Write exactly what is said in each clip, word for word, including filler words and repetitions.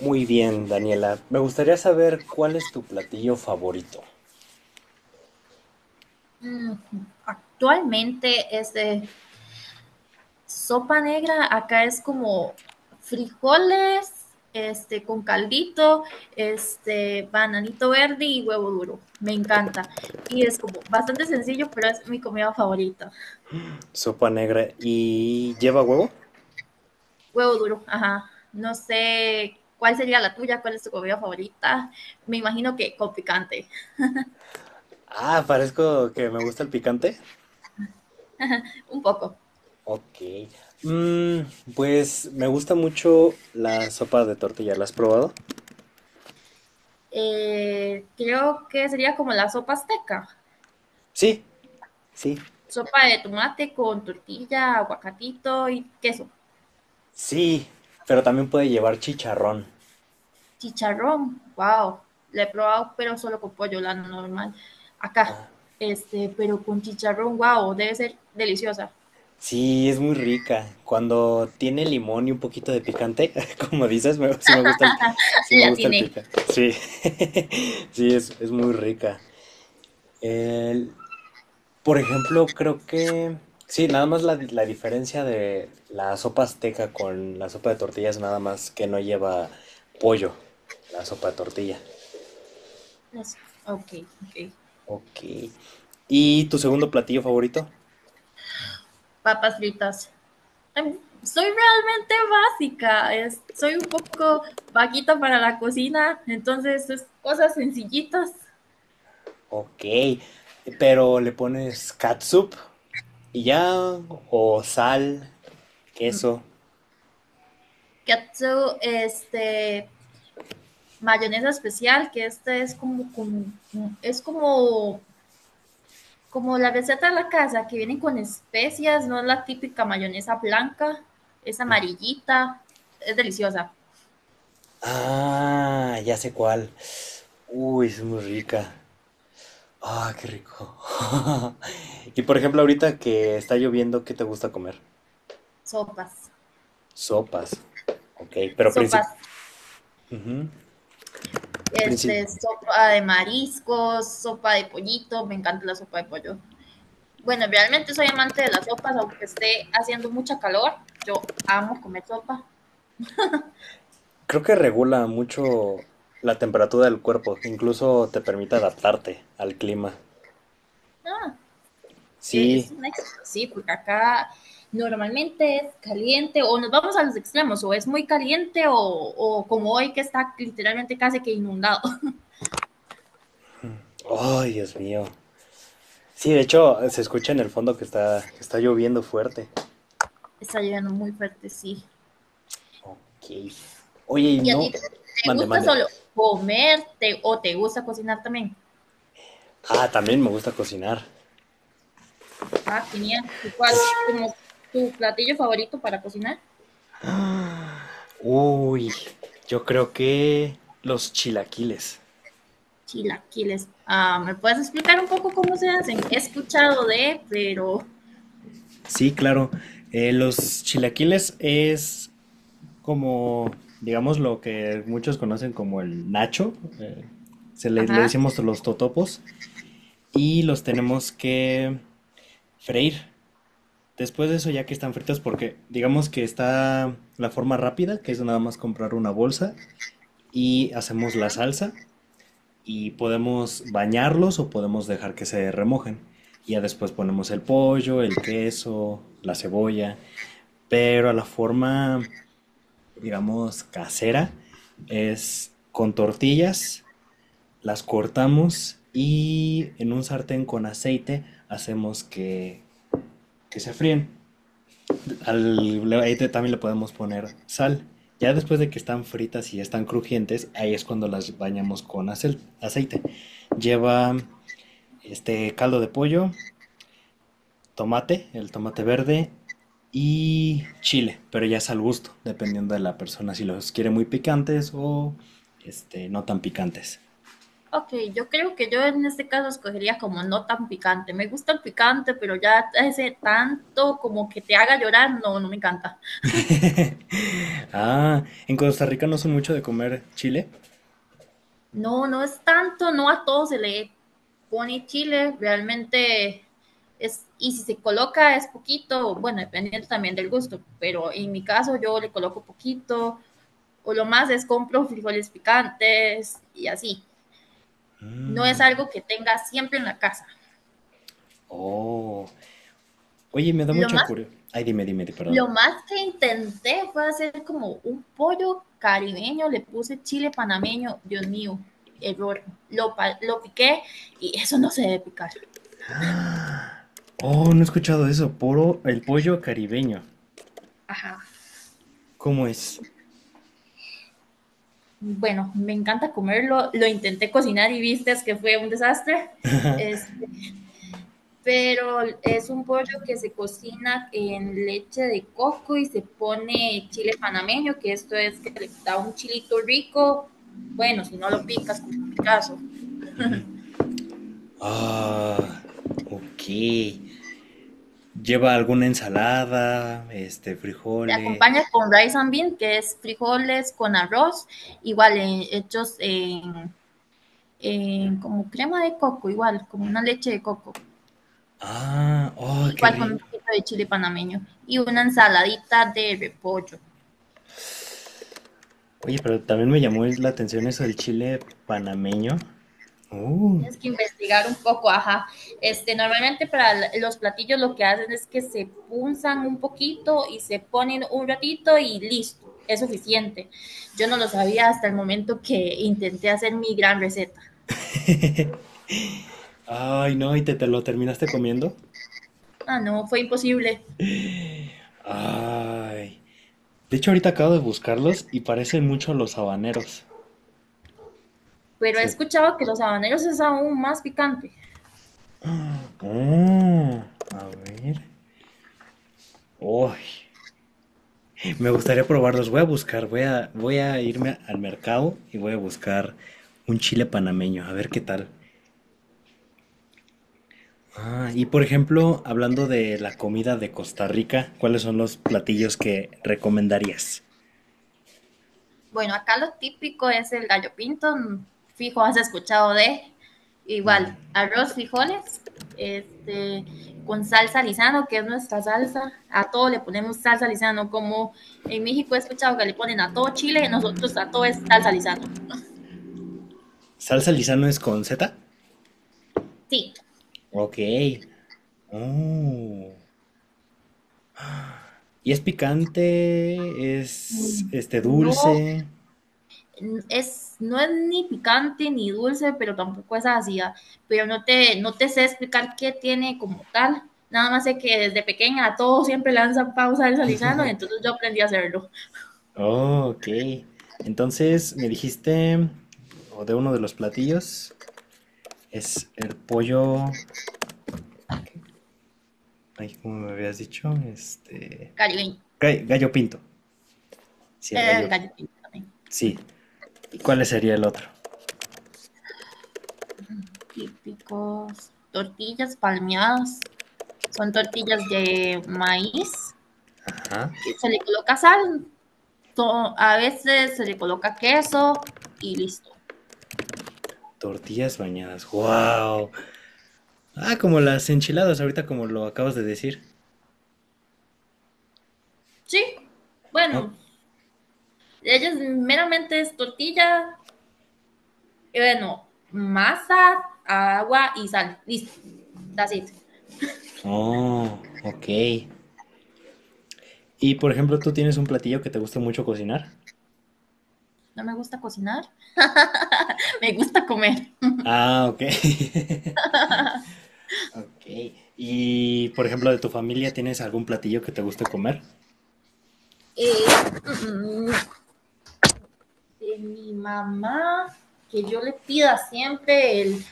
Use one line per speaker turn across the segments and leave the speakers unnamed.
Muy bien, Daniela. Me gustaría saber cuál es tu platillo favorito.
Mm, Actualmente es de sopa negra, acá es como frijoles, este, con caldito, este, bananito verde y huevo duro. Me encanta. Y es como bastante sencillo, pero es mi comida favorita.
Sopa negra y lleva huevo.
Huevo duro, ajá. No sé cuál sería la tuya, cuál es tu comida favorita. Me imagino que con picante,
Ah, parezco que me gusta el picante.
un poco.
Ok. Mm, pues me gusta mucho la sopa de tortilla. ¿La has probado?
Eh, creo que sería como la sopa azteca.
Sí, sí,
Sopa de tomate con tortilla, aguacatito y queso.
sí. Pero también puede llevar chicharrón.
Chicharrón, wow, la he probado, pero solo con pollo, la normal. Acá, este, pero con chicharrón, wow, debe ser deliciosa.
Sí, es muy rica. Cuando tiene limón y un poquito de picante, como dices, me- sí me gusta el, sí me
La
gusta el
atiné.
pica. Sí, sí, es, es muy rica. El- por ejemplo, creo que... Sí, nada más la, di- la diferencia de la sopa azteca con la sopa de tortillas, nada más que no lleva pollo, la sopa de tortilla.
Las- Ok, ok.
Ok. ¿Y tu segundo platillo favorito?
Papas fritas. Em, Soy realmente básica, es- soy un poco vaquita para la cocina, entonces es cosas sencillitas.
Ok. Pero le pones catsup y ya, o sal,
Mm.
queso.
Katsu, este, mayonesa especial, que esta es como, como- es como, como la receta de la casa, que vienen con especias, no es la típica mayonesa blanca, es amarillita, es deliciosa.
Ah, ya sé cuál. Uy, es muy rica. Ah, qué rico. Y por ejemplo, ahorita que está lloviendo, ¿qué te gusta comer?
Sopas,
Sopas. Ok, pero princip...
sopas,
Ujú. Princip-
este, sopa de mariscos, sopa de pollito, me encanta la sopa de pollo. Bueno, realmente soy amante de las sopas, aunque esté haciendo mucha calor, yo amo comer sopa.
Creo que regula mucho la temperatura del cuerpo, incluso te permite adaptarte al clima.
No, Eh, es
Sí.
un éxito, sí, porque acá normalmente es caliente o nos vamos a los extremos, o es muy caliente o, o como hoy que está literalmente casi que inundado.
Ay, Dios mío. Sí, de hecho, se escucha en el fondo que está, que está lloviendo fuerte.
Está lloviendo muy fuerte, sí.
Ok. Oye, y
¿Y a
no.
ti te
Mande,
gusta
mande.
solo comerte o te gusta cocinar también?
Ah, también me gusta cocinar.
Ah, genial. ¿Y ¿Cuál como tu platillo favorito para cocinar?
Uy, yo creo que los chilaquiles.
Chilaquiles. Ah, ¿me puedes explicar un poco cómo se hacen? He escuchado de, pero,
Sí, claro. Eh, los chilaquiles es como, digamos, lo que muchos conocen como el nacho. eh, se le, le
ajá.
decimos los totopos. Y los tenemos que freír. Después de eso, ya que están fritos, porque digamos que está la forma rápida, que es nada más comprar una bolsa y hacemos la salsa. Y podemos bañarlos o podemos dejar que se remojen. Y ya después ponemos el pollo, el queso, la cebolla. Pero la forma, digamos, casera es con tortillas, las cortamos y en un sartén con aceite hacemos que, que se fríen. Al, ahí también le podemos poner sal. Ya después de que están fritas y ya están crujientes, ahí es cuando las bañamos con acel- aceite. Lleva este caldo de pollo, tomate, el tomate verde y chile, pero ya es al gusto, dependiendo de la persona si los quiere muy picantes o este no tan picantes.
Ok, yo creo que yo en este caso escogería como no tan picante. Me gusta el picante, pero ya ese tanto como que te haga llorar, no, no me encanta.
Ah, en Costa Rica no son mucho de comer chile.
No, no es tanto, no a todo se le pone chile, realmente es, y si se coloca es poquito, bueno, dependiendo también del gusto, pero en mi caso yo le coloco poquito, o lo más es compro frijoles picantes y así. No
Mm,
es algo que tenga siempre en la casa.
Oh, oye, me da
Lo
mucha
más
curiosidad. Ay, dime, dime, di- perdón.
lo más que intenté fue hacer como un pollo caribeño, le puse chile panameño, Dios mío, error. Lo, pa- lo piqué y eso no se debe picar.
Oh, no he escuchado eso. Poro, el pollo caribeño.
Ajá.
¿Cómo es?
Bueno, me encanta comerlo, lo intenté cocinar y viste que fue un desastre. Es- pero es un pollo que se cocina en leche de coco y se pone chile panameño, que esto es que le da un chilito rico. Bueno, si no lo picas, como en mi caso.
Ah, ok. Lleva alguna ensalada, este,
Te
frijoles.
acompaña con rice and bean, que es frijoles con arroz, igual eh, hechos en, en como crema de coco, igual, como una leche de coco,
Ah, oh, qué
igual con un
rico.
poquito de chile panameño y una ensaladita de repollo.
Oye, pero también me llamó la atención eso del chile panameño. Uh.
Tienes que investigar un poco, ajá. Este, normalmente para los platillos lo que hacen es que se punzan un poquito y se ponen un ratito y listo, es suficiente. Yo no lo sabía hasta el momento que intenté hacer mi gran receta.
Ay, no, ¿y te, te lo terminaste comiendo?
Ah, no, fue imposible.
Ay. De hecho, ahorita acabo de buscarlos y parecen mucho a los habaneros.
Pero he
Sí.
escuchado que los habaneros es aún más picante.
Mm, a ver. Uy, me gustaría probarlos. Voy a buscar, voy a, voy a irme al mercado y voy a buscar un chile panameño, a ver qué tal. Ah, y por ejemplo, hablando de la comida de Costa Rica, ¿cuáles son los platillos que recomendarías?
Bueno, acá lo típico es el gallo pinto, fijo, has escuchado de igual, arroz, frijoles, este, con salsa lisano, que es nuestra salsa. A todo le ponemos salsa lisano, como en México he escuchado que le ponen a todo chile, nosotros a todo es salsa lisano.
¿Salsa Lizano es con Z?
Sí,
Ok. Oh. ¿Y es picante? ¿Es este
no.
dulce?
Es, no es ni picante ni dulce, pero tampoco es ácida. Pero no te, no te sé explicar qué tiene como tal. Nada más sé que desde pequeña a todos siempre lanzan pausa del salizano, y entonces yo aprendí a hacerlo.
Oh, ok. Entonces me dijiste, o de uno de los platillos, es el pollo. Ay, ¿cómo me habías dicho? Este.
Gallo,
ga- Gallo pinto. Sí, el
el
gallo.
gallo pinto,
Sí. ¿Y cuál sería el otro?
típicos. Tortillas palmeadas. Son tortillas de maíz
Ajá.
que se le coloca sal, to- a veces se le coloca queso y listo.
Tortillas bañadas. ¡Wow! Ah, como las enchiladas ahorita, como lo acabas de decir.
Sí,
Oh,
bueno, ellas meramente es tortilla. Eh, Bueno, masa, agua y sal. Listo, that's it.
oh, ok. Y por ejemplo, ¿tú tienes un platillo que te gusta mucho cocinar?
No me gusta cocinar, me gusta comer.
Ah, ok. Ok. Y por ejemplo, de tu familia, ¿tienes algún platillo que te guste comer?
Eh, mm, mm, de mi mamá, que yo le pida siempre el...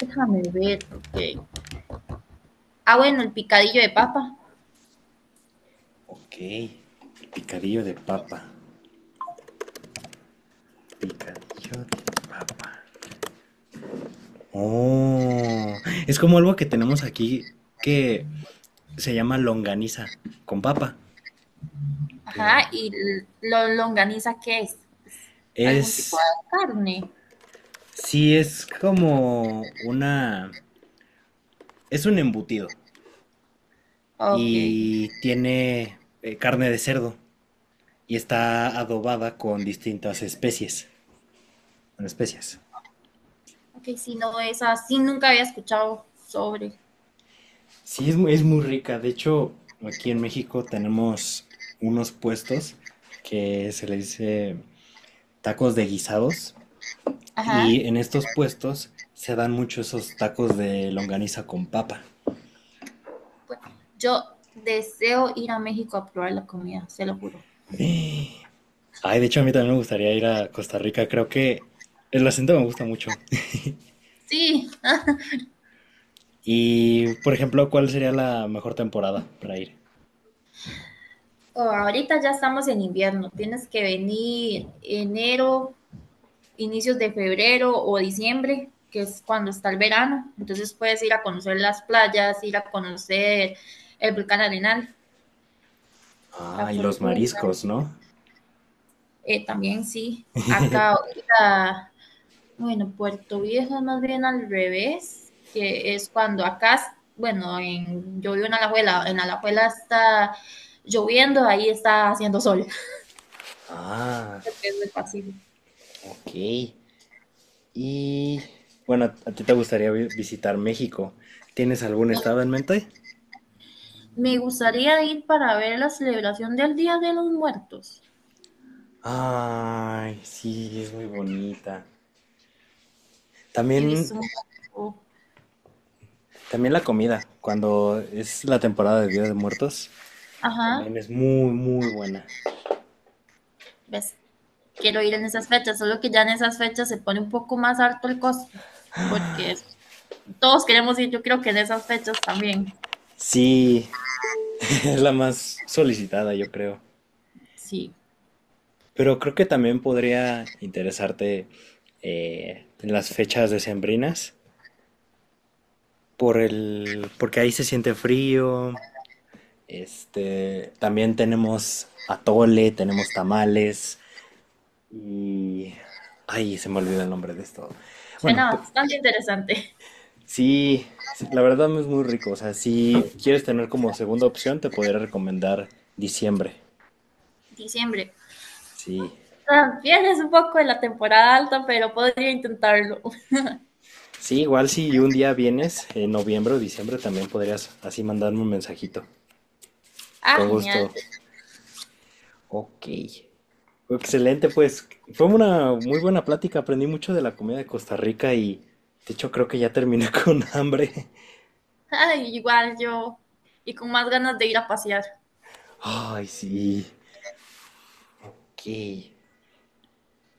Déjame ver, ok. Ah, bueno, el picadillo de papa.
Ok. El picadillo de papa. Picadillo de papa. Oh, es como algo que tenemos aquí que se llama longaniza con papa. Pero
Ajá, ¿y lo longaniza, qué es? Es algún tipo
es,
de carne.
sí, es como una, es un embutido
Ok.
y tiene eh, carne de cerdo y está adobada con distintas especies, con especias.
Ok, si no es así, nunca había escuchado sobre.
Sí, es, mu- es muy rica. De hecho, aquí en México tenemos unos puestos que se le dice tacos de guisados
Ajá.
y en estos puestos se dan mucho esos tacos de longaniza con papa.
Pues, yo deseo ir a México a probar la comida, se lo juro.
Ay, de hecho a mí también me gustaría ir a Costa Rica. Creo que el acento me gusta mucho.
Sí, ¿no?
Y, por ejemplo, ¿cuál sería la mejor temporada para ir?
Oh, ahorita ya estamos en invierno. Tienes que venir enero, inicios de febrero o diciembre, que es cuando está el verano. Entonces puedes ir a conocer las playas, ir a conocer el volcán Arenal,
Ah,
la
y los
fortuna.
mariscos, ¿no?
Eh, también sí, acá ahorita bueno, Puerto Viejo es más bien al revés, que es cuando acá, bueno, en, yo vivo en Alajuela, en Alajuela está lloviendo, ahí está haciendo sol,
Ah,
porque es del Pacífico.
ok. Y bueno, ¿a ti te gustaría vi- visitar México? ¿Tienes algún
Me,
estado en mente?
Me gustaría ir para ver la celebración del Día de los Muertos.
Ay, sí, es muy bonita.
He
También,
visto un poco,
también la comida, cuando es la temporada de Día de Muertos,
ajá,
también es muy, muy buena.
ves, quiero ir en esas fechas, solo que ya en esas fechas se pone un poco más alto el costo, porque es- todos queremos ir, yo creo que en esas fechas también,
Sí, es la más solicitada, yo creo.
sí,
Pero creo que también podría interesarte eh, en las fechas decembrinas, por el, porque ahí se siente frío. Este, también tenemos atole, tenemos tamales y... Ay, se me olvida el nombre de esto. Bueno,
suena
p-
bastante interesante.
sí, sí, la verdad no es muy rico. O sea, si quieres tener como segunda opción, te podría recomendar diciembre.
Diciembre.
Sí,
También es un poco de la temporada alta, pero podría intentarlo.
sí, igual si un día vienes, en noviembre o diciembre, también podrías así mandarme un mensajito.
Ah,
Con
genial.
gusto. Ok. Excelente, pues fue una muy buena plática. Aprendí mucho de la comida de Costa Rica y de hecho creo que ya terminé con hambre.
Ay, igual yo. Y con más ganas de ir a pasear.
Ay, sí. Ok.